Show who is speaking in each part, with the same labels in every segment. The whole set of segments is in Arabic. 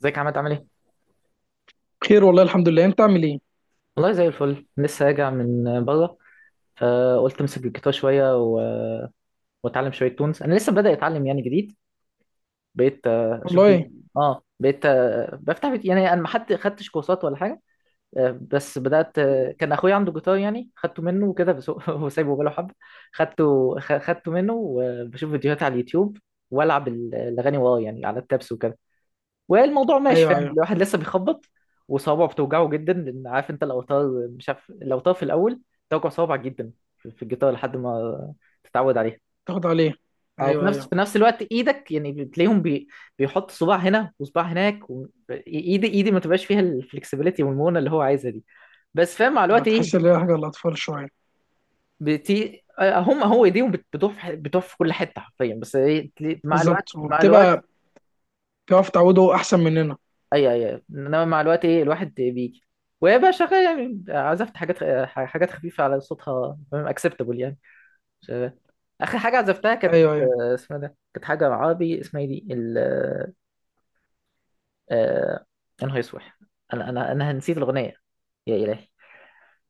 Speaker 1: ازيك يا عماد، عامل ايه؟
Speaker 2: خير والله الحمد لله. انت عامل ايه؟
Speaker 1: والله زي الفل، لسه راجع من بره. فقلت امسك الجيتار شويه واتعلم شويه تونز، انا لسه بادئ اتعلم يعني، جديد. بقيت اشوف لي.
Speaker 2: والله.
Speaker 1: اه بقيت بفتح يعني انا ما حد خدتش كورسات ولا حاجه. بس بدات، كان اخويا عنده جيتار، يعني خدته منه وكده. بس هو هو سايبه بقاله حبه. خدته منه، وبشوف فيديوهات على اليوتيوب، والعب الاغاني وراه يعني، على التابس وكده. والموضوع ماشي،
Speaker 2: ايوه
Speaker 1: فاهم،
Speaker 2: ايوه.
Speaker 1: الواحد لسه بيخبط. وصوابعه بتوجعه جدا، لان عارف انت الاوتار، مش عارف الاوتار في الاول، توجع صوابعك جدا في الجيتار، لحد ما تتعود عليها.
Speaker 2: تاخد عليه.
Speaker 1: اه، في
Speaker 2: ايوه
Speaker 1: نفس
Speaker 2: ايوه.
Speaker 1: في نفس الوقت ايدك يعني بتلاقيهم، بيحط صباع هنا وصباع هناك، ايدي ما تبقاش فيها الفلكسبيليتي والمونه اللي هو عايزها دي. بس فاهم، مع الوقت ايه.
Speaker 2: هتحس ان هي حاجه للاطفال شويه.
Speaker 1: هو ايديهم بتروح في بتروح في كل حته حرفيا، بس ايه مع الوقت
Speaker 2: بالظبط،
Speaker 1: مع الوقت.
Speaker 2: وبتبقى بتعرف تعوده احسن مننا.
Speaker 1: ايوه ايوه أيوة. انما مع الوقت، ايه، الواحد بيجي. وهي بقى شغاله، يعني عزفت حاجات حاجات خفيفه، على صوتها اكسبتابل يعني. مش- اخر حاجه عزفتها كانت،
Speaker 2: ايوه ايوه.
Speaker 1: اسمها إيه ده، كانت حاجه عربي، اسمها إيه دي ال، آه، يا نهار اسود. انا نسيت الاغنيه، يا الهي.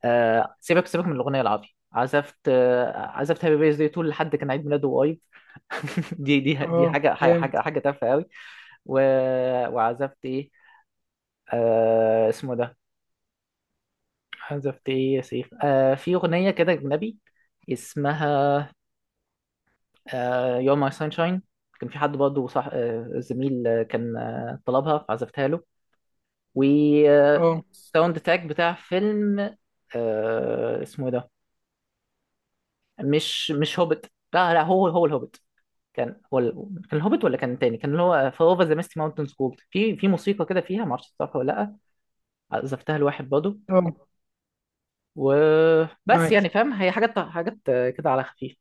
Speaker 1: سيبك سيبك من الاغنيه العربي. عزفت، عزفت هابي بيرث داي تول، لحد كان عيد ميلاده قريب. دي
Speaker 2: اه
Speaker 1: حاجه
Speaker 2: جامد.
Speaker 1: حاجه حاجه تافهه قوي. و... وعزفت ايه، اسمه إيه ده. حذفت ايه يا سيف، في اغنيه كده اجنبي، اسمها You're My Sunshine. كان في حد برضه، صح، زميل، كان طلبها فعزفتها له. و آه،
Speaker 2: اه.
Speaker 1: ساوند تراك بتاع فيلم، اسمه إيه ده. مش هوبت، لا لا، هو الهوبت. كان هو كان الهوبت، ولا كان تاني، كان اللي هو فاوفر ذا ميستي ماونتن سكول، في موسيقى كده فيها، معرفش تعرفها ولا لا. عزفتها لواحد برضه.
Speaker 2: اه
Speaker 1: وبس،
Speaker 2: معاك.
Speaker 1: يعني فاهم، هي حاجات كده على خفيف.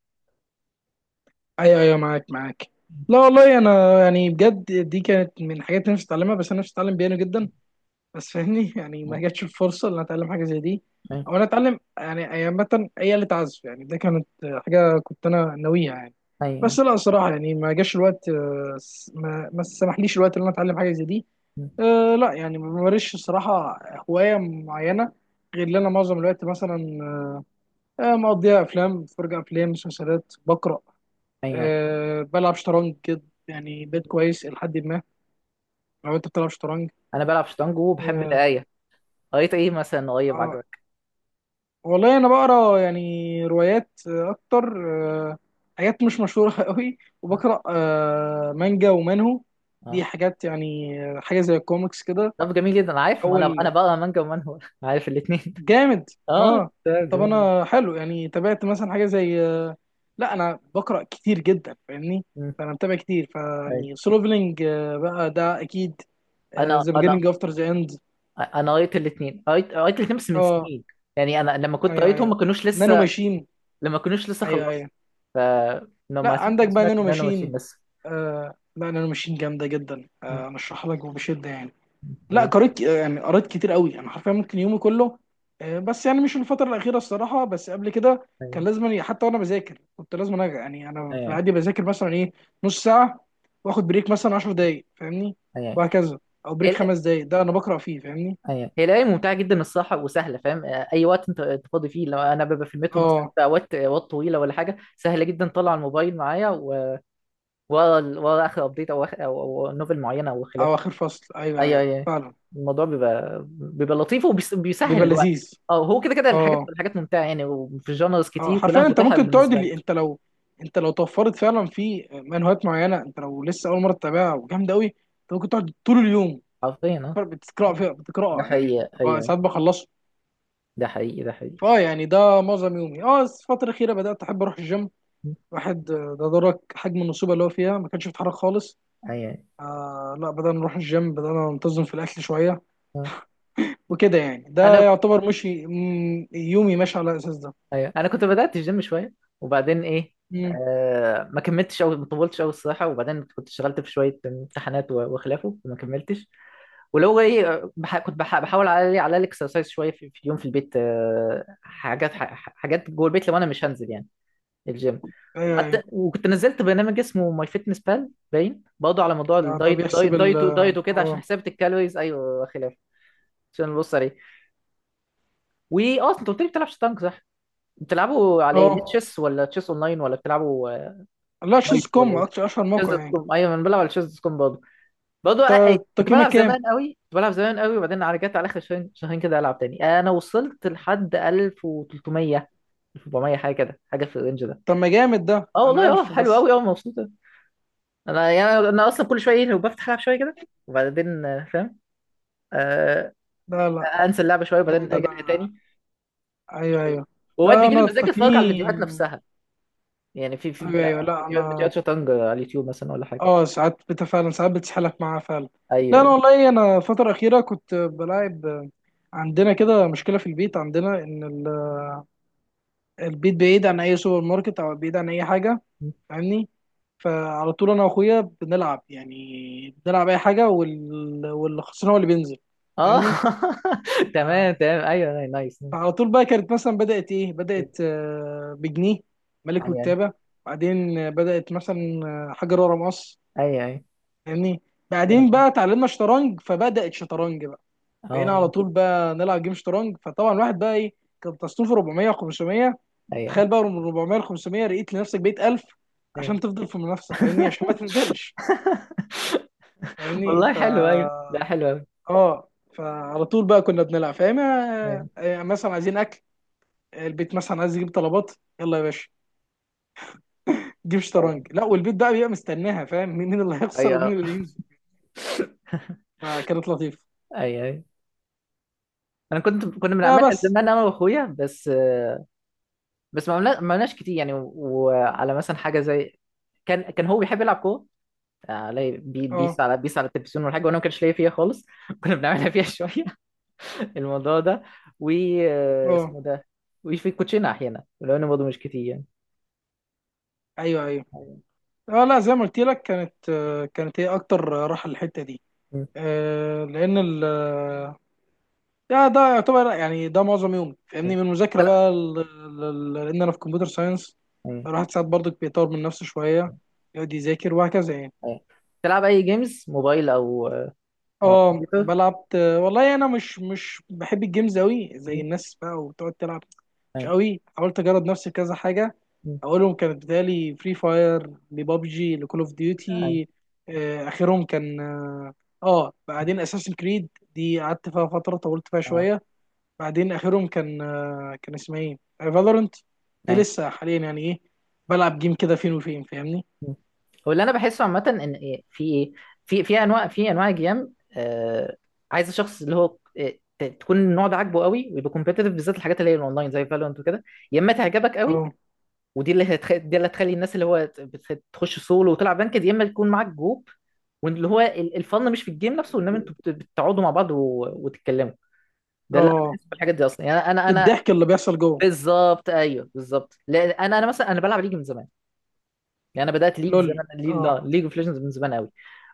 Speaker 2: ايوه ايوه معاك معاك. لا والله انا يعني بجد دي كانت من الحاجات اللي نفسي اتعلمها، بس انا نفسي اتعلم بيانو جدا، بس فاهمني يعني ما جاتش الفرصه ان أنا اتعلم حاجه زي دي،
Speaker 1: ايوه،
Speaker 2: او انا اتعلم يعني عامه اي آلة عزف. يعني ده كانت حاجه كنت انا ناويها يعني. بس
Speaker 1: ايوه،
Speaker 2: لا صراحه يعني ما جاش الوقت، ما سمحليش الوقت ان انا اتعلم حاجه زي دي. أه لا يعني ما بمارسش الصراحه هوايه معينه، غير ان انا معظم الوقت مثلا أه مقضيها افلام، بتفرج افلام مسلسلات، بقرا،
Speaker 1: ايوه.
Speaker 2: أه بلعب شطرنج كده. يعني بيت كويس لحد ما. لو انت بتلعب شطرنج.
Speaker 1: انا بلعب شطرنج وبحب
Speaker 2: اه.
Speaker 1: القرايه. قريت ايه مثلا قريب،
Speaker 2: آه،
Speaker 1: عجبك؟
Speaker 2: والله انا بقرا يعني روايات اكتر. آه، حاجات مش مشهوره قوي،
Speaker 1: اه.
Speaker 2: وبقرا مانجا ومانهو. دي
Speaker 1: آه.
Speaker 2: حاجات يعني حاجه زي الكوميكس كده.
Speaker 1: طب جميل جدا، أنا عارف، ما انا
Speaker 2: تحول
Speaker 1: بقرا مانجا ومن هو عارف الاثنين.
Speaker 2: جامد.
Speaker 1: اه،
Speaker 2: اه.
Speaker 1: تمام،
Speaker 2: طب
Speaker 1: جميل جدا.
Speaker 2: انا حلو يعني تابعت مثلا حاجه زي لا انا بقرا كتير جدا فاهمني،
Speaker 1: مم.
Speaker 2: فانا متابع كتير
Speaker 1: ايوه.
Speaker 2: فيعني سولوفلينج بقى ده اكيد.
Speaker 1: انا
Speaker 2: ذا
Speaker 1: انا
Speaker 2: بيجيننج افتر ذا اند.
Speaker 1: انا قريت الاثنين، قريت الاثنين، بس من
Speaker 2: اه
Speaker 1: سنين. يعني انا لما كنت
Speaker 2: ايوه
Speaker 1: قريتهم
Speaker 2: ايوه.
Speaker 1: ما كانوش
Speaker 2: نانو
Speaker 1: لسه،
Speaker 2: ماشين.
Speaker 1: لما كانوش لسه
Speaker 2: ايوه
Speaker 1: خلصت.
Speaker 2: ايوه.
Speaker 1: ف ما
Speaker 2: لا عندك بقى
Speaker 1: سمعتش
Speaker 2: نانو
Speaker 1: ان انا
Speaker 2: ماشين.
Speaker 1: ماشيين لسه.
Speaker 2: آه لا انا ماشين جامده جدا،
Speaker 1: مم.
Speaker 2: آه ارشح لك وبشده يعني. لا
Speaker 1: جميل.
Speaker 2: قريت، يعني قريت كتير قوي، انا حرفيا ممكن يومي كله، آه بس يعني مش الفتره الاخيره الصراحه، بس قبل كده
Speaker 1: ايوه،
Speaker 2: كان لازم حتى وانا بذاكر، كنت لازم أنا يعني انا في
Speaker 1: ايوه،
Speaker 2: العادي بذاكر مثلا ايه، نص ساعه واخد بريك مثلا 10 دقائق فاهمني،
Speaker 1: ايوه،
Speaker 2: وهكذا. او بريك 5 دقائق ده انا بقرا فيه فاهمني.
Speaker 1: ايوه. هي لعبه ممتعه جدا الصراحه، وسهله، فاهم، اي وقت أنت فاضي فيه، لو انا ببقى في المترو مثلا،
Speaker 2: اه
Speaker 1: في اوقات طويله ولا حاجه، سهله جدا، طلع الموبايل معايا ورا اخر ابديت، او أو نوفل معينه، او
Speaker 2: او
Speaker 1: خلافه.
Speaker 2: اخر فصل. ايوه
Speaker 1: ايوه،
Speaker 2: ايوه
Speaker 1: ايوه.
Speaker 2: فعلا.
Speaker 1: الموضوع بيبقى لطيف، وبيسهل
Speaker 2: بيبقى
Speaker 1: الوقت.
Speaker 2: لذيذ.
Speaker 1: اه، هو كده كده الحاجات
Speaker 2: اه.
Speaker 1: الحاجات ممتعه يعني، وفي جانرز
Speaker 2: اه
Speaker 1: كتير كلها
Speaker 2: حرفيا انت
Speaker 1: متاحه
Speaker 2: ممكن تقعد
Speaker 1: بالنسبه لك.
Speaker 2: اللي انت لو انت لو توفرت فعلا في منهجات معينه، انت لو لسه اول مره تتابعها وجامده قوي، انت ممكن تقعد طول اليوم
Speaker 1: حرفيا، اه.
Speaker 2: بتقرا فيها،
Speaker 1: ده
Speaker 2: بتقراها يعني
Speaker 1: حقيقي،
Speaker 2: بقى
Speaker 1: ايوه،
Speaker 2: ساعات بخلصه.
Speaker 1: ده حقيقي، ده حقيقي.
Speaker 2: فاه يعني ده معظم يومي. اه بس الفتره الاخيره بدات احب اروح الجيم، واحد ده درك حجم النصوبه اللي هو فيها، ما كانش بيتحرك خالص.
Speaker 1: ايوه.
Speaker 2: آه لا بدأنا نروح الجيم، بدأنا ننتظم في الأكل شوية
Speaker 1: آه.
Speaker 2: وكده يعني. ده
Speaker 1: انا
Speaker 2: يعتبر مشي. يومي ماشي على الأساس ده.
Speaker 1: ايوه، انا كنت بدات الجيم شويه، وبعدين ايه،
Speaker 2: مم،
Speaker 1: ما كملتش، او ما طولتش قوي الصراحه، وبعدين كنت اشتغلت في شويه امتحانات وخلافه، وما كملتش. ولو ايه، كنت بحاول على الاكسرسايز شويه، في اليوم في البيت، حاجات جوه البيت، لو انا مش هنزل يعني الجيم.
Speaker 2: أيوه
Speaker 1: حتى
Speaker 2: أيوه.
Speaker 1: وكنت نزلت برنامج اسمه ماي فيتنس بال باين برضه، على موضوع
Speaker 2: ده
Speaker 1: الدايت دايت
Speaker 2: بيحسب ال،
Speaker 1: دايت دايت وكده، عشان
Speaker 2: اه.
Speaker 1: حسابة الكالوريز، ايوه، خلاف، عشان نبص عليه. واه، انت قلت لي بتلعب شطرنج، صح؟ بتلعبوا على ايه؟ ليه
Speaker 2: اه
Speaker 1: تشيس، ولا تشيس اونلاين، ولا بتلعبوا
Speaker 2: لا شوز
Speaker 1: نايت، ولا
Speaker 2: كوم
Speaker 1: ايه؟
Speaker 2: اكتر اشهر
Speaker 1: شيز
Speaker 2: موقع
Speaker 1: دوت
Speaker 2: يعني.
Speaker 1: كوم. ايوه انا بلعب على شيز دوت كوم برضه. برضه كنت
Speaker 2: تقييمك
Speaker 1: بلعب
Speaker 2: كام؟
Speaker 1: زمان قوي، كنت بلعب زمان قوي، وبعدين رجعت على اخر شهرين شهرين كده العب تاني. انا وصلت لحد 1300، 1400، حاجه كده، حاجه في الرينج ده.
Speaker 2: طب ما جامد، ده
Speaker 1: اه
Speaker 2: انا
Speaker 1: والله. اه
Speaker 2: الف
Speaker 1: حلو
Speaker 2: بس.
Speaker 1: قوي. اه، مبسوطه. انا يعني، انا اصلا كل شويه ايه لو بفتح العب شويه كده، وبعدين فاهم، آه
Speaker 2: لا لا
Speaker 1: انسى اللعبه شويه،
Speaker 2: لا
Speaker 1: وبعدين
Speaker 2: ده
Speaker 1: اجي
Speaker 2: انا.
Speaker 1: تاني. مش
Speaker 2: ايوه
Speaker 1: عارف إيه.
Speaker 2: ايوه.
Speaker 1: واوقات
Speaker 2: لا
Speaker 1: بيجي لي
Speaker 2: انا
Speaker 1: مزاج اتفرج على
Speaker 2: تقييمي.
Speaker 1: الفيديوهات نفسها، يعني في
Speaker 2: ايوه ايوه. لا
Speaker 1: فيديوهات
Speaker 2: انا.
Speaker 1: فيديوهات شطرنج على اليوتيوب مثلا، ولا حاجه.
Speaker 2: اه ساعات فعلا ساعات بتسحلك معاها فعلا.
Speaker 1: ايوه،
Speaker 2: لا انا
Speaker 1: ايوه،
Speaker 2: والله انا الفتره الاخيره كنت بلاعب. عندنا كده مشكله في البيت، عندنا ان البيت بعيد عن اي سوبر ماركت، او بعيد عن اي حاجه فاهمني، فعلى طول انا واخويا بنلعب يعني، بنلعب اي حاجه واللي خسران هو اللي بينزل
Speaker 1: اه.
Speaker 2: فاهمني. آه،
Speaker 1: تمام، تمام، ايوه، أيوة، نايس، نايس.
Speaker 2: فعلى طول بقى كانت مثلا بدأت إيه،
Speaker 1: ايوه
Speaker 2: بدأت بجنيه، ملك وكتابة. بعدين بدأت مثلا حجر ورا مقص
Speaker 1: ايوه ايوه
Speaker 2: فاهمني. بعدين
Speaker 1: أيوه.
Speaker 2: بقى اتعلمنا شطرنج فبدأت شطرنج بقى، بقينا على
Speaker 1: اه،
Speaker 2: طول بقى نلعب جيم شطرنج. فطبعا الواحد بقى إيه، كان تصنيفه 400 و500.
Speaker 1: ايوه،
Speaker 2: تخيل بقى من 400 ل 500، لقيت لنفسك بقيت 1000
Speaker 1: ايوه.
Speaker 2: عشان تفضل في المنافسة فاهمني، عشان ما تنزلش. فاهمني
Speaker 1: والله
Speaker 2: ف
Speaker 1: حلو، ايوه، ده حلو قوي.
Speaker 2: اه. فعلى طول بقى كنا بنلعب فاهم،
Speaker 1: ايوه
Speaker 2: مثلا عايزين اكل، البيت مثلا عايز يجيب طلبات، يلا يا باشا جيب
Speaker 1: ايوه
Speaker 2: شطرنج. لا، والبيت بقى بيبقى مستناها فاهم، مين مين اللي هيخسر ومين اللي هينزل. فكانت لطيفه.
Speaker 1: ايوه أيوة. انا كنت، كنا
Speaker 2: لا
Speaker 1: بنعملها
Speaker 2: بس.
Speaker 1: زمان انا واخويا بس، بس ما عملناش كتير يعني، وعلى مثلا حاجه زي كان هو بيحب يلعب كوره، علي
Speaker 2: اه.
Speaker 1: بيس على التلفزيون ولا حاجه، وانا ما كانش ليا فيها خالص، كنا بنعملها فيها شويه، الموضوع ده، و
Speaker 2: اه
Speaker 1: اسمه ده. وفي الكوتشينه احيانا، ولو انه برضه مش كتير يعني.
Speaker 2: ايوه ايوه. اه لا زي ما قلت لك، كانت كانت هي اكتر راحه الحته دي،
Speaker 1: م.
Speaker 2: لان ال، ده ده يعتبر يعني ده معظم يومي
Speaker 1: م.
Speaker 2: فاهمني، من المذاكره
Speaker 1: تلعب.
Speaker 2: بقى لان انا في كمبيوتر ساينس،
Speaker 1: م.
Speaker 2: الواحد ساعات برضك بيطور من نفسه شويه، يقعد يذاكر وهكذا يعني.
Speaker 1: م. تلعب اي جيمز موبايل، او او
Speaker 2: اه
Speaker 1: كمبيوتر؟
Speaker 2: بلعب والله. انا مش مش بحب الجيمز قوي
Speaker 1: م.
Speaker 2: زي الناس بقى وتقعد تلعب. مش
Speaker 1: اي.
Speaker 2: قوي. حاولت اجرب نفسي في كذا حاجه،
Speaker 1: م.
Speaker 2: اولهم كانت بتالي فري فاير، لبابجي، لكول اوف
Speaker 1: اي.
Speaker 2: ديوتي. اخرهم كان اه،
Speaker 1: م.
Speaker 2: بعدين اساسن كريد، دي قعدت فيها فتره طولت فيها
Speaker 1: اه
Speaker 2: شويه. بعدين اخرهم كان كان اسمها ايه، فالورنت. دي
Speaker 1: اي.
Speaker 2: لسه حاليا يعني ايه، بلعب جيم كده فين وفين فاهمني.
Speaker 1: م. هو اللي انا بحسه عامه ان، إيه، في ايه، في انواع جيم، عايز الشخص اللي هو، تكون النوع ده عاجبه قوي، ويبقى كومبيتيتيف بالذات الحاجات اللي هي الاونلاين زي فالورانت وكده، يا اما تعجبك قوي.
Speaker 2: اه.
Speaker 1: دي اللي هتخلي الناس اللي هو تخش سولو وتلعب بانكد، يا اما تكون معاك جروب. واللي هو الفن مش في الجيم نفسه، انما انتوا بتقعدوا مع بعض وتتكلموا. ده اللي انا
Speaker 2: اه
Speaker 1: بحس بالحاجات دي اصلا، يعني انا
Speaker 2: في
Speaker 1: انا
Speaker 2: الضحك اللي بيحصل جوه.
Speaker 1: بالظبط، ايوه بالظبط، لان انا مثلا انا بلعب ليج من زمان. يعني انا بدات ليج
Speaker 2: لول.
Speaker 1: زمان،
Speaker 2: اه
Speaker 1: ليج اوف ليجندز من زمان قوي.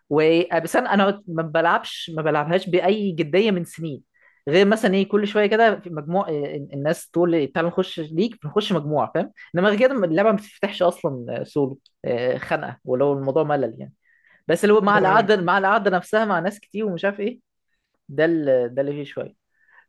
Speaker 1: وابيسان انا ما بلعبش، ما بلعبهاش باي جديه من سنين، غير مثلا ايه كل شويه كده في مجموع، إيه، الناس تقول تعالى نخش ليك بنخش مجموعه، فاهم، انما غير كده اللعبه ما بتفتحش اصلا، سولو، خنقه، ولو الموضوع ملل يعني. بس اللي هو مع
Speaker 2: ايوه ايوه.
Speaker 1: القعده، مع القعده نفسها مع ناس كتير، ومش عارف ايه، ده اللي فيه شويه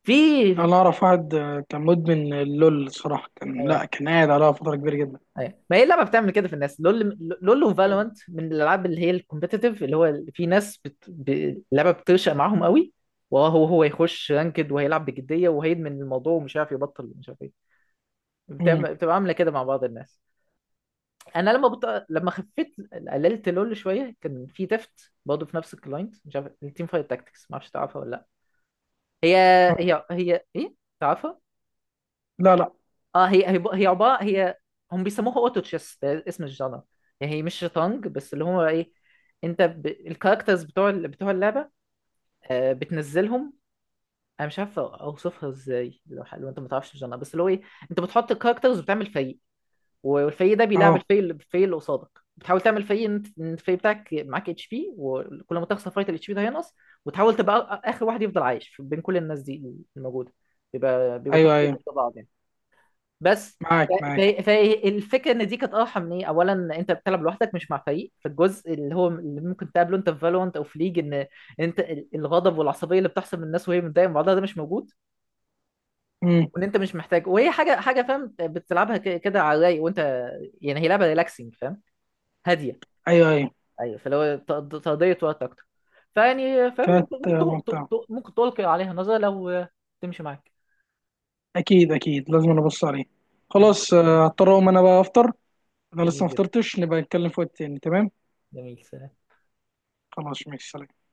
Speaker 1: في.
Speaker 2: انا اعرف واحد كان مدمن اللول الصراحه، كان
Speaker 1: آه،
Speaker 2: لا كان قاعد عليها فتره كبيره جدا.
Speaker 1: ايوه، ما هي اللعبه بتعمل كده في الناس، لول، لول وفالورانت من الالعاب اللي هي الكومبيتيتيف، اللي هو في ناس اللعبه بتنشأ معاهم قوي، وهو يخش رانكد، وهيلعب بجديه، وهيدمن الموضوع، ومش عارف يبطل، ومش عارف ايه،
Speaker 2: مم.
Speaker 1: بتبقى عامله كده مع بعض الناس. انا لما خفيت، قللت لول شويه، كان في تفت برضه في نفس الكلاينت، مش عارف، التيم فايت تاكتكس، ما اعرفش تعرفها ولا لا. هي، هي ايه، تعرفها؟
Speaker 2: لا لا.
Speaker 1: اه، هي عباره، هي هم بيسموها اوتو تشيس، ده اسم الجانر. يعني هي مش شطرنج، بس اللي هو ايه، انت الكاركترز بتوع بتوع اللعبه، بتنزلهم. انا مش عارف اوصفها ازاي، لو انت ما تعرفش الجانر، بس اللي هو ايه، انت بتحط الكاركترز وبتعمل فريق، والفريق ده بيلعب
Speaker 2: اه
Speaker 1: الفريق اللي قصادك. بتحاول تعمل فريق إن انت، إن الفريق بتاعك معاك اتش بي، وكل ما تخسر فايت الاتش بي ده هينقص، وتحاول تبقى اخر واحد يفضل عايش بين كل الناس دي الموجوده. بيبقى بيبقوا
Speaker 2: ايوه
Speaker 1: تمانية
Speaker 2: ايوه
Speaker 1: ضد بعض يعني. بس
Speaker 2: معاك معاك.
Speaker 1: فالفكره ان دي كانت اه حميه اولا، انت بتلعب لوحدك مش مع فريق، فالجزء اللي هو اللي ممكن تقابله انت في فالورانت او في ليج، ان انت الغضب والعصبيه اللي بتحصل من الناس وهي متضايقه من بعضها ده مش موجود.
Speaker 2: امم.
Speaker 1: وان انت مش محتاج، وهي حاجه فاهم بتلعبها كده على الرايق، وانت يعني هي لعبه ريلاكسنج فاهم، هاديه.
Speaker 2: ايوه ايوه
Speaker 1: ايوه، فاللي هو تقضيه وقت اكتر، فيعني فاهم،
Speaker 2: كانت
Speaker 1: ممكن
Speaker 2: ممتعة.
Speaker 1: ممكن تلقي عليها نظره لو تمشي معاك.
Speaker 2: اكيد اكيد لازم ابص عليه.
Speaker 1: خلاص،
Speaker 2: خلاص، هضطر اقوم انا بقى افطر. انا لسه
Speaker 1: جميل
Speaker 2: ما
Speaker 1: جدا،
Speaker 2: فطرتش، نبقى نتكلم في وقت تاني تمام؟
Speaker 1: جميل.
Speaker 2: خلاص ماشي سلام.